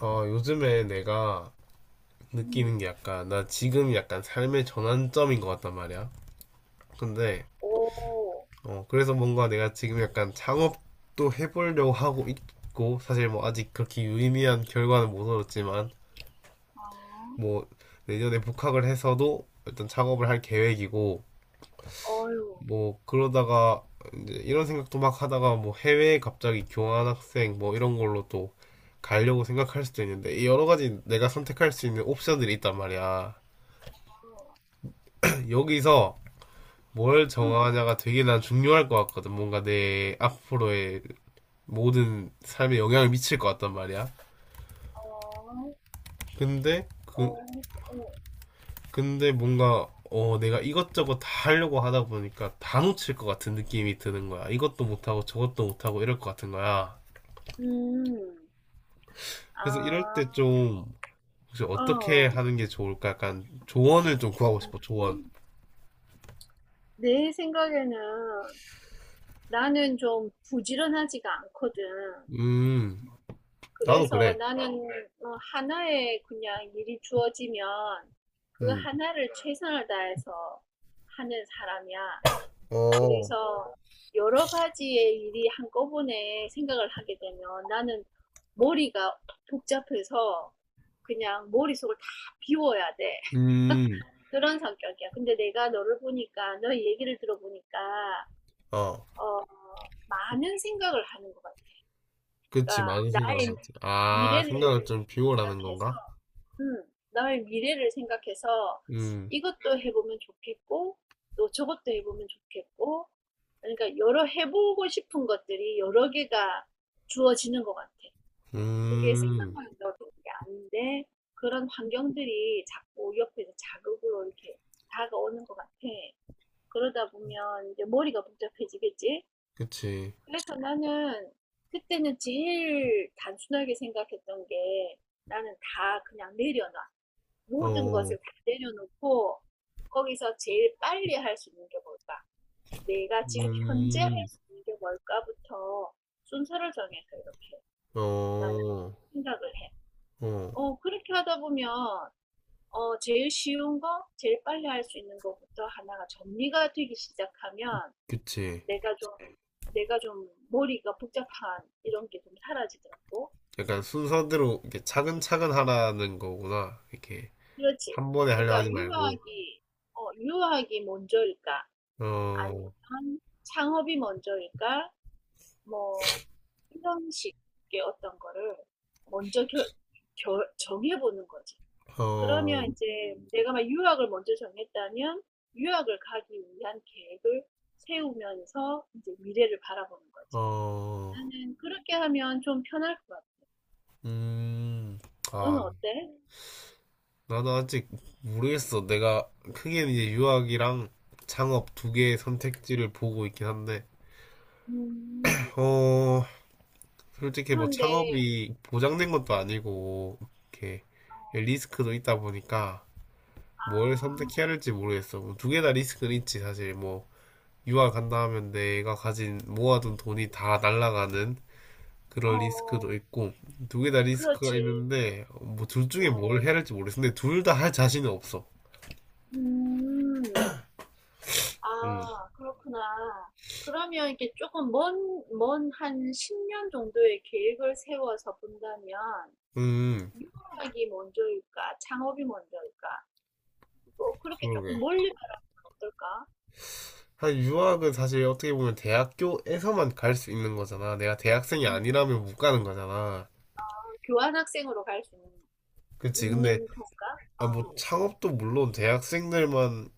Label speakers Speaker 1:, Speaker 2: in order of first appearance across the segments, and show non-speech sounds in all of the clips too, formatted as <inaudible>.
Speaker 1: 요즘에 내가
Speaker 2: 음.
Speaker 1: 느끼는 게 약간, 나 지금 약간 삶의 전환점인 것 같단 말이야. 근데,
Speaker 2: 오.
Speaker 1: 그래서 뭔가 내가 지금 약간 창업도 해보려고 하고 있고, 사실 뭐 아직 그렇게 유의미한 결과는 못 얻었지만,
Speaker 2: 아.
Speaker 1: 뭐, 내년에 복학을 해서도 일단 창업을 할 계획이고,
Speaker 2: 어유.
Speaker 1: 뭐, 그러다가, 이제 이런 생각도 막 하다가 뭐 해외에 갑자기 교환학생 뭐 이런 걸로 또 가려고 생각할 수도 있는데, 이 여러 가지 내가 선택할 수 있는 옵션들이 있단 말이야.
Speaker 2: 어.
Speaker 1: 여기서 뭘
Speaker 2: 응.
Speaker 1: 정하냐가 되게 난 중요할 것 같거든. 뭔가 내 앞으로의 모든 삶에 영향을 미칠 것 같단 말이야.
Speaker 2: 어.
Speaker 1: 근데 그
Speaker 2: 어. 어.
Speaker 1: 근데 뭔가 내가 이것저것 다 하려고 하다 보니까 다 놓칠 것 같은 느낌이 드는 거야. 이것도 못하고 저것도 못하고 이럴 것 같은 거야.
Speaker 2: 음.
Speaker 1: 그래서 이럴
Speaker 2: 아.
Speaker 1: 때 좀 혹시 어떻게
Speaker 2: 어.
Speaker 1: 하는 게 좋을까? 약간 조언을 좀 구하고 싶어. 조언.
Speaker 2: 음. 내 생각에는 나는 좀 부지런하지가 않거든.
Speaker 1: 음, 나도
Speaker 2: 그래서
Speaker 1: 그래.
Speaker 2: 나는 하나에 그냥 일이 주어지면 그
Speaker 1: 음,
Speaker 2: 하나를 최선을 다해서 하는 사람이야.
Speaker 1: 어,
Speaker 2: 그래서 여러 가지의 일이 한꺼번에 생각을 하게 되면 나는 머리가 복잡해서 그냥 머릿속을 다 비워야 돼.
Speaker 1: 음,
Speaker 2: 그런 성격이야. 근데 내가 너를 보니까, 너의 얘기를 들어보니까,
Speaker 1: 어.
Speaker 2: 어, 많은 생각을 하는 것 같아.
Speaker 1: 그치,
Speaker 2: 그러니까
Speaker 1: 많은 생각을
Speaker 2: 나의
Speaker 1: 하지. 아, 생각을
Speaker 2: 미래를
Speaker 1: 좀 비우라는
Speaker 2: 생각해서
Speaker 1: 건가?
Speaker 2: 음, 나의 미래를 생각해서
Speaker 1: 음,
Speaker 2: 이것도 해보면 좋겠고, 또 저것도 해보면 좋겠고, 그러니까 여러 해보고 싶은 것들이 여러 개가 주어지는 것 같아. 그게
Speaker 1: 음,
Speaker 2: 생각만 넣는 게 아닌데, 그런 환경들이 자꾸 옆에서 자극으로 이렇게 다가오는 것 같아. 그러다 보면 이제 머리가 복잡해지겠지?
Speaker 1: 그치.
Speaker 2: 그래서 나는 그때는 제일 단순하게 생각했던 게 나는 다 그냥 내려놔. 모든
Speaker 1: 어,
Speaker 2: 것을 다 내려놓고 거기서 제일 빨리 할 수 있는 게 뭘까? 내가 지금 현재 할
Speaker 1: 음,
Speaker 2: 수 있는 게 뭘까부터 순서를 정해서 이렇게
Speaker 1: 어,
Speaker 2: 나는
Speaker 1: 어,
Speaker 2: 생각을 해. 그렇게 하다 보면 제일 쉬운 거, 제일 빨리 할 수 있는 것부터 하나가 정리가 되기 시작하면
Speaker 1: 그치.
Speaker 2: 내가 좀, 내가 좀 머리가 복잡한 이런 게 좀 사라지더라고.
Speaker 1: 약간 순서대로 이렇게 차근차근 하라는 거구나. 이렇게
Speaker 2: 그렇지.
Speaker 1: 한 번에 하려
Speaker 2: 그러니까
Speaker 1: 하지 말고.
Speaker 2: 유학이 먼저일까? 아니면
Speaker 1: 어,
Speaker 2: 창업이 먼저일까? 뭐 이런 식의 어떤 거를 먼저 정해보는 거지. 그러면
Speaker 1: 어,
Speaker 2: 이제 내가 막 유학을 먼저 정했다면 유학을 가기 위한 계획을 세우면서 이제 미래를 바라보는 거지.
Speaker 1: 어,
Speaker 2: 나는 그렇게 하면 좀 편할 것 같아.
Speaker 1: 음,
Speaker 2: 너는
Speaker 1: 아,
Speaker 2: 어때?
Speaker 1: 나도 아직 모르겠어. 내가 크게 이제 유학이랑 창업 두 개의 선택지를 보고 있긴 한데,
Speaker 2: 음,
Speaker 1: 어, 솔직히 뭐
Speaker 2: 그런데,
Speaker 1: 창업이 보장된 것도
Speaker 2: 음,
Speaker 1: 아니고 이렇게
Speaker 2: 어,
Speaker 1: 리스크도 있다 보니까
Speaker 2: 아,
Speaker 1: 뭘 선택해야 할지 모르겠어. 뭐 두개 다 리스크는 있지 사실 뭐 유학 간다 하면 내가 가진 모아둔 돈이 다 날아가는
Speaker 2: 어,
Speaker 1: 그런 리스크도 있고 두 개 다 리스크가
Speaker 2: 그렇지.
Speaker 1: 있는데 뭐 둘 중에 뭘
Speaker 2: 어,
Speaker 1: 해야 할지 모르겠어. 근데 둘 다 할 자신은 없어.
Speaker 2: 음. 아, 그렇구나. 그러면 이렇게 조금 먼 한 10년 정도의 계획을 세워서 본다면,
Speaker 1: 음,
Speaker 2: 유학이 먼저일까? 창업이 먼저일까? 뭐, 그렇게 조금
Speaker 1: 그러게.
Speaker 2: 멀리 바라보면 어떨까?
Speaker 1: 사실 유학은 사실 어떻게 보면 대학교에서만 갈 수 있는 거잖아. 내가 대학생이
Speaker 2: 음,
Speaker 1: 아니라면 못 가는 거잖아.
Speaker 2: 교환학생으로 갈 수 있는,
Speaker 1: 그치. 근데
Speaker 2: 있는 건가?
Speaker 1: 아, 뭐 창업도 물론 대학생들만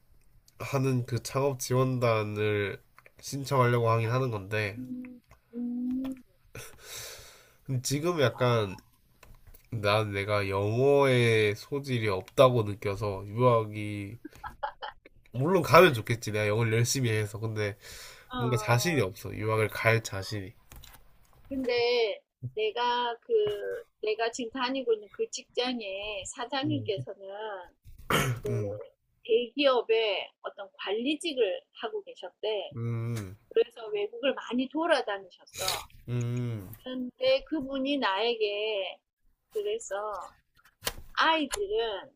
Speaker 1: 하는 그 창업 지원단을 신청하려고 하긴
Speaker 2: 아니,
Speaker 1: 하는 건데
Speaker 2: 음, 음,
Speaker 1: 근데 지금 약간 난 내가 영어에 소질이 없다고 느껴서 유학이 물론 가면 좋겠지 내가 영어를 열심히 해서 근데
Speaker 2: 어,
Speaker 1: 뭔가 자신이 없어 유학을 갈 자신이
Speaker 2: 근데 내가 그, 내가 지금 다니고 있는 그 직장의
Speaker 1: 음,
Speaker 2: 사장님께서는 그
Speaker 1: 음,
Speaker 2: 대기업의 어떤 관리직을 하고 계셨대.
Speaker 1: 음,
Speaker 2: 그래서 외국을 많이 돌아다니셨어.
Speaker 1: 음,
Speaker 2: 그런데 그분이 나에게 그래서 아이들은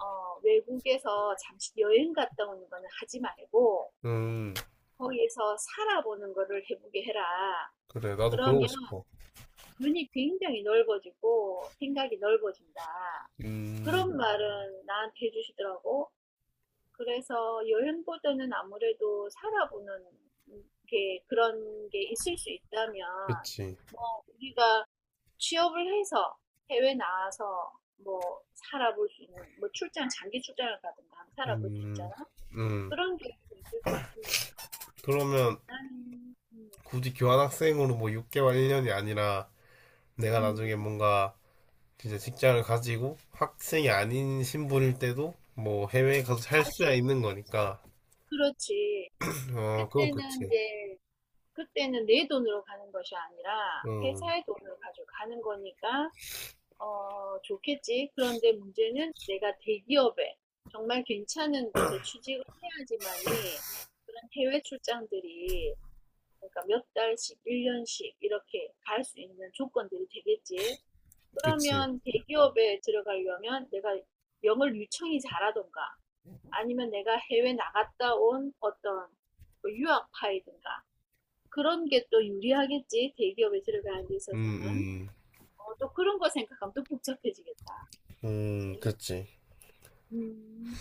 Speaker 2: 외국에서 잠시 여행 갔다 오는 거는 하지 말고
Speaker 1: 음.
Speaker 2: 거기에서 살아보는 거를 해보게 해라.
Speaker 1: 그래 나도 그러고
Speaker 2: 그러면
Speaker 1: 싶어.
Speaker 2: 눈이 굉장히 넓어지고 생각이 넓어진다. 그런
Speaker 1: 음,
Speaker 2: 말은 나한테 해주시더라고. 그래서 여행보다는 아무래도 살아보는 게 그런 게 있을 수 있다면,
Speaker 1: 그치.
Speaker 2: 뭐 우리가 취업을 해서 해외 나와서 뭐 살아볼 수 있는 뭐 출장, 장기 출장을 가든가 하면 살아볼 수
Speaker 1: 음,
Speaker 2: 있잖아.
Speaker 1: 음.
Speaker 2: 그런 계획도 있을 수 있으니까
Speaker 1: 그러면
Speaker 2: 나는
Speaker 1: 굳이 교환학생으로 뭐 6개월 1년이 아니라 내가
Speaker 2: 음,
Speaker 1: 나중에 뭔가 진짜 직장을 가지고 학생이 아닌 신분일 때도 뭐 해외에 가서 살
Speaker 2: 갈 수
Speaker 1: 수야
Speaker 2: 있는
Speaker 1: 있는
Speaker 2: 거지.
Speaker 1: 거니까.
Speaker 2: 그렇지.
Speaker 1: 어, 그건
Speaker 2: 그때는
Speaker 1: 그치.
Speaker 2: 이제, 그때는 내 돈으로 가는 것이 아니라
Speaker 1: 음,
Speaker 2: 회사의 돈을 가지고 가는 거니까 좋겠지. 그런데 문제는 내가 대기업에 정말 괜찮은 곳에 취직을 해야지만이 그런 해외 출장들이, 그러니까 몇 달씩, 1년씩 이렇게 갈 수 있는 조건들이 되겠지.
Speaker 1: 그치.
Speaker 2: 그러면 대기업에 들어가려면 내가 영어를 유창히 잘하던가 아니면 내가 해외 나갔다 온 어떤 그 유학파이든가, 그런 게 또 유리하겠지. 대기업에 들어가는 데
Speaker 1: 음,
Speaker 2: 있어서는.
Speaker 1: 음,
Speaker 2: 또 그런 거 생각하면 또 복잡해지겠다. 그치?
Speaker 1: 그치.
Speaker 2: 음,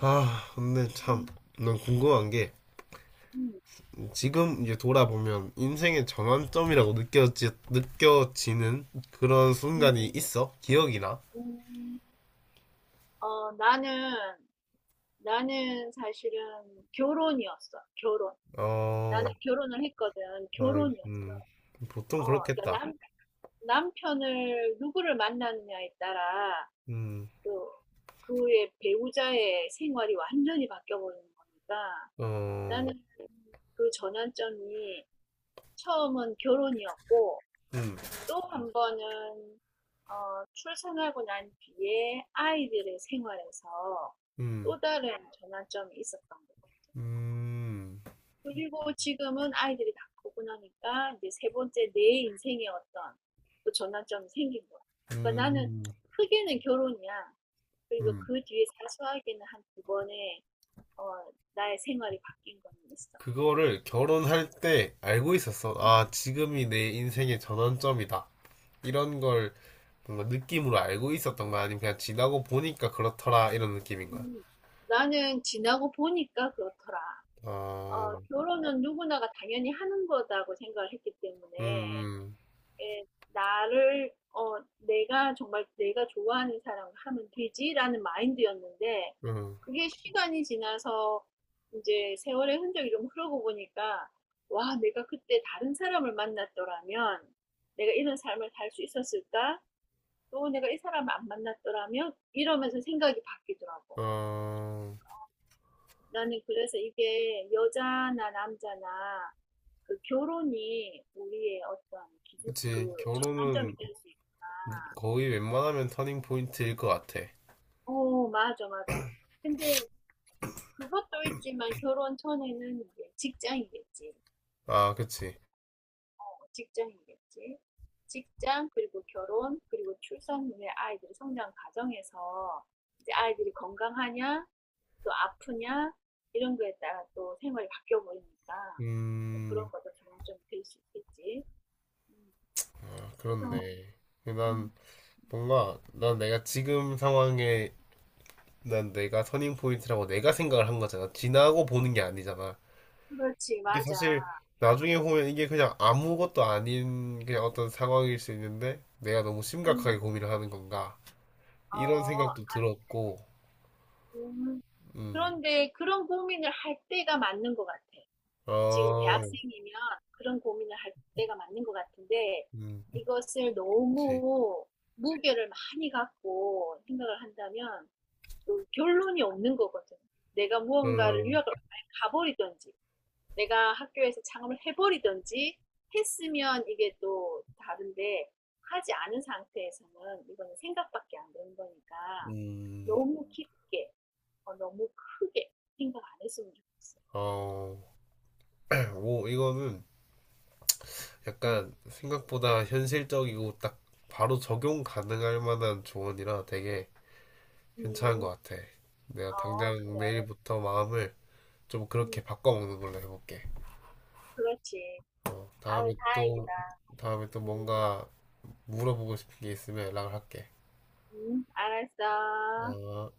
Speaker 1: 아, 근데 참,
Speaker 2: 음,
Speaker 1: 난 궁금한 게,
Speaker 2: 음,
Speaker 1: 지금 이제 돌아보면 인생의 전환점이라고 느껴지는 그런 순간이
Speaker 2: 음.
Speaker 1: 있어? 기억이나?
Speaker 2: 음. 어, 나는, 나는 사실은 결혼이었어. 결혼. 나는
Speaker 1: 어,
Speaker 2: 결혼을 했거든.
Speaker 1: 아,
Speaker 2: 결혼이었어.
Speaker 1: 음, 보통
Speaker 2: 그러니까
Speaker 1: 그렇겠다.
Speaker 2: 남편을 누구를 만나느냐에 따라
Speaker 1: 음.
Speaker 2: 또 그의 배우자의 생활이 완전히 바뀌어 버리는 거니까
Speaker 1: 어,
Speaker 2: 나는 그 전환점이 처음은 결혼이었고,
Speaker 1: 음,
Speaker 2: 또 한 번은 출산하고 난 뒤에 아이들의 생활에서
Speaker 1: 음,
Speaker 2: 또 다른 전환점이 있었던 것 같아요.
Speaker 1: 음,
Speaker 2: 그리고 지금은 아이들이 다 크고 나니까 이제 세 번째 내 인생의 어떤 또 전환점이 생긴 거야. 그러니까 나는
Speaker 1: 음,
Speaker 2: 크게는 결혼이야. 그리고
Speaker 1: 음.
Speaker 2: 그 뒤에 사소하게는 한 두 번의 나의 생활이 바뀐 거는 있어.
Speaker 1: 그거를 결혼할 때 알고 있었어.
Speaker 2: 음.
Speaker 1: 아, 지금이 내 인생의 전환점이다. 이런 걸 뭔가 느낌으로 알고 있었던 거야? 아니면 그냥 지나고 보니까 그렇더라, 이런 느낌인 거야?
Speaker 2: 음, 나는 지나고 보니까 그렇더라.
Speaker 1: 아,
Speaker 2: 결혼은 누구나가 당연히 하는 거다고 생각을 했기 때문에,
Speaker 1: 음,
Speaker 2: 예, 나를, 어, 내가 정말 내가 좋아하는 사람을 하면 되지라는 마인드였는데,
Speaker 1: 음,
Speaker 2: 그게 시간이 지나서 이제 세월의 흔적이 좀 흐르고 보니까, 와, 내가 그때 다른 사람을 만났더라면 내가 이런 삶을 살 수 있었을까? 또 내가 이 사람을 안 만났더라면, 이러면서 생각이 바뀌더라고.
Speaker 1: 어,
Speaker 2: 나는 그래서 이게 여자나 남자나 그 결혼이 우리의 어떤 기준,
Speaker 1: 그치.
Speaker 2: 그 전환점이
Speaker 1: 결혼은
Speaker 2: 될 수 있고.
Speaker 1: 거의 웬만하면 터닝 포인트일 것 같아.
Speaker 2: 오, 맞아, 맞아. 근데 그것도 있지만 결혼 전에는 이제 직장이겠지.
Speaker 1: 아, 그치.
Speaker 2: 직장이겠지. 직장, 그리고 결혼, 그리고 출산 후에 아이들이 성장 과정에서, 이제 아이들이 건강하냐, 또 아프냐, 이런 거에 따라 또 생활이 바뀌어 버리니까 또 그런
Speaker 1: 음,
Speaker 2: 것도 전환점이 될 수 있겠지. 음,
Speaker 1: 아,
Speaker 2: 그래서,
Speaker 1: 그렇네. 난
Speaker 2: 음.
Speaker 1: 뭔가 난 내가 지금 상황에 난 내가 터닝 포인트라고 내가 생각을 한 거잖아. 지나고 보는 게 아니잖아.
Speaker 2: 그렇지,
Speaker 1: 이게
Speaker 2: 맞아.
Speaker 1: 사실 나중에 보면 이게 그냥 아무것도 아닌 그냥 어떤 상황일 수 있는데 내가 너무 심각하게
Speaker 2: 음.
Speaker 1: 고민을 하는 건가? 이런
Speaker 2: 어,
Speaker 1: 생각도 들었고,
Speaker 2: 음,
Speaker 1: 음,
Speaker 2: 그런데 그런 고민을 할 때가 맞는 것 같아. 지금
Speaker 1: 어,
Speaker 2: 대학생이면 그런 고민을 할 때가 맞는 것 같은데,
Speaker 1: 음,
Speaker 2: 이것을
Speaker 1: 그치,
Speaker 2: 너무 무게를 많이 갖고 생각을 한다면 또 결론이 없는 거거든. 내가 무언가를
Speaker 1: 어,
Speaker 2: 유학을 가버리든지 내가 학교에서 창업을 해버리든지 했으면 이게 또 다른데, 하지 않은 상태에서는 이거는 생각밖에 안 되는 거니까
Speaker 1: 음,
Speaker 2: 너무 깊게, 너무 크게 생각 안 했으면 좋겠어.
Speaker 1: 어, <clears throat> 오, 이거는
Speaker 2: 음,
Speaker 1: 약간 생각보다 현실적이고 딱 바로 적용 가능할 만한 조언이라 되게 괜찮은
Speaker 2: 음,
Speaker 1: 것 같아. 내가
Speaker 2: 어,
Speaker 1: 당장
Speaker 2: 그래.
Speaker 1: 내일부터 마음을 좀
Speaker 2: 음,
Speaker 1: 그렇게 바꿔먹는 걸로 해볼게.
Speaker 2: 그렇지.
Speaker 1: 어,
Speaker 2: 아유, 다행이다.
Speaker 1: 다음에 또
Speaker 2: 음,
Speaker 1: 뭔가 물어보고 싶은 게 있으면 연락을 할게.
Speaker 2: 알았어.
Speaker 1: 어.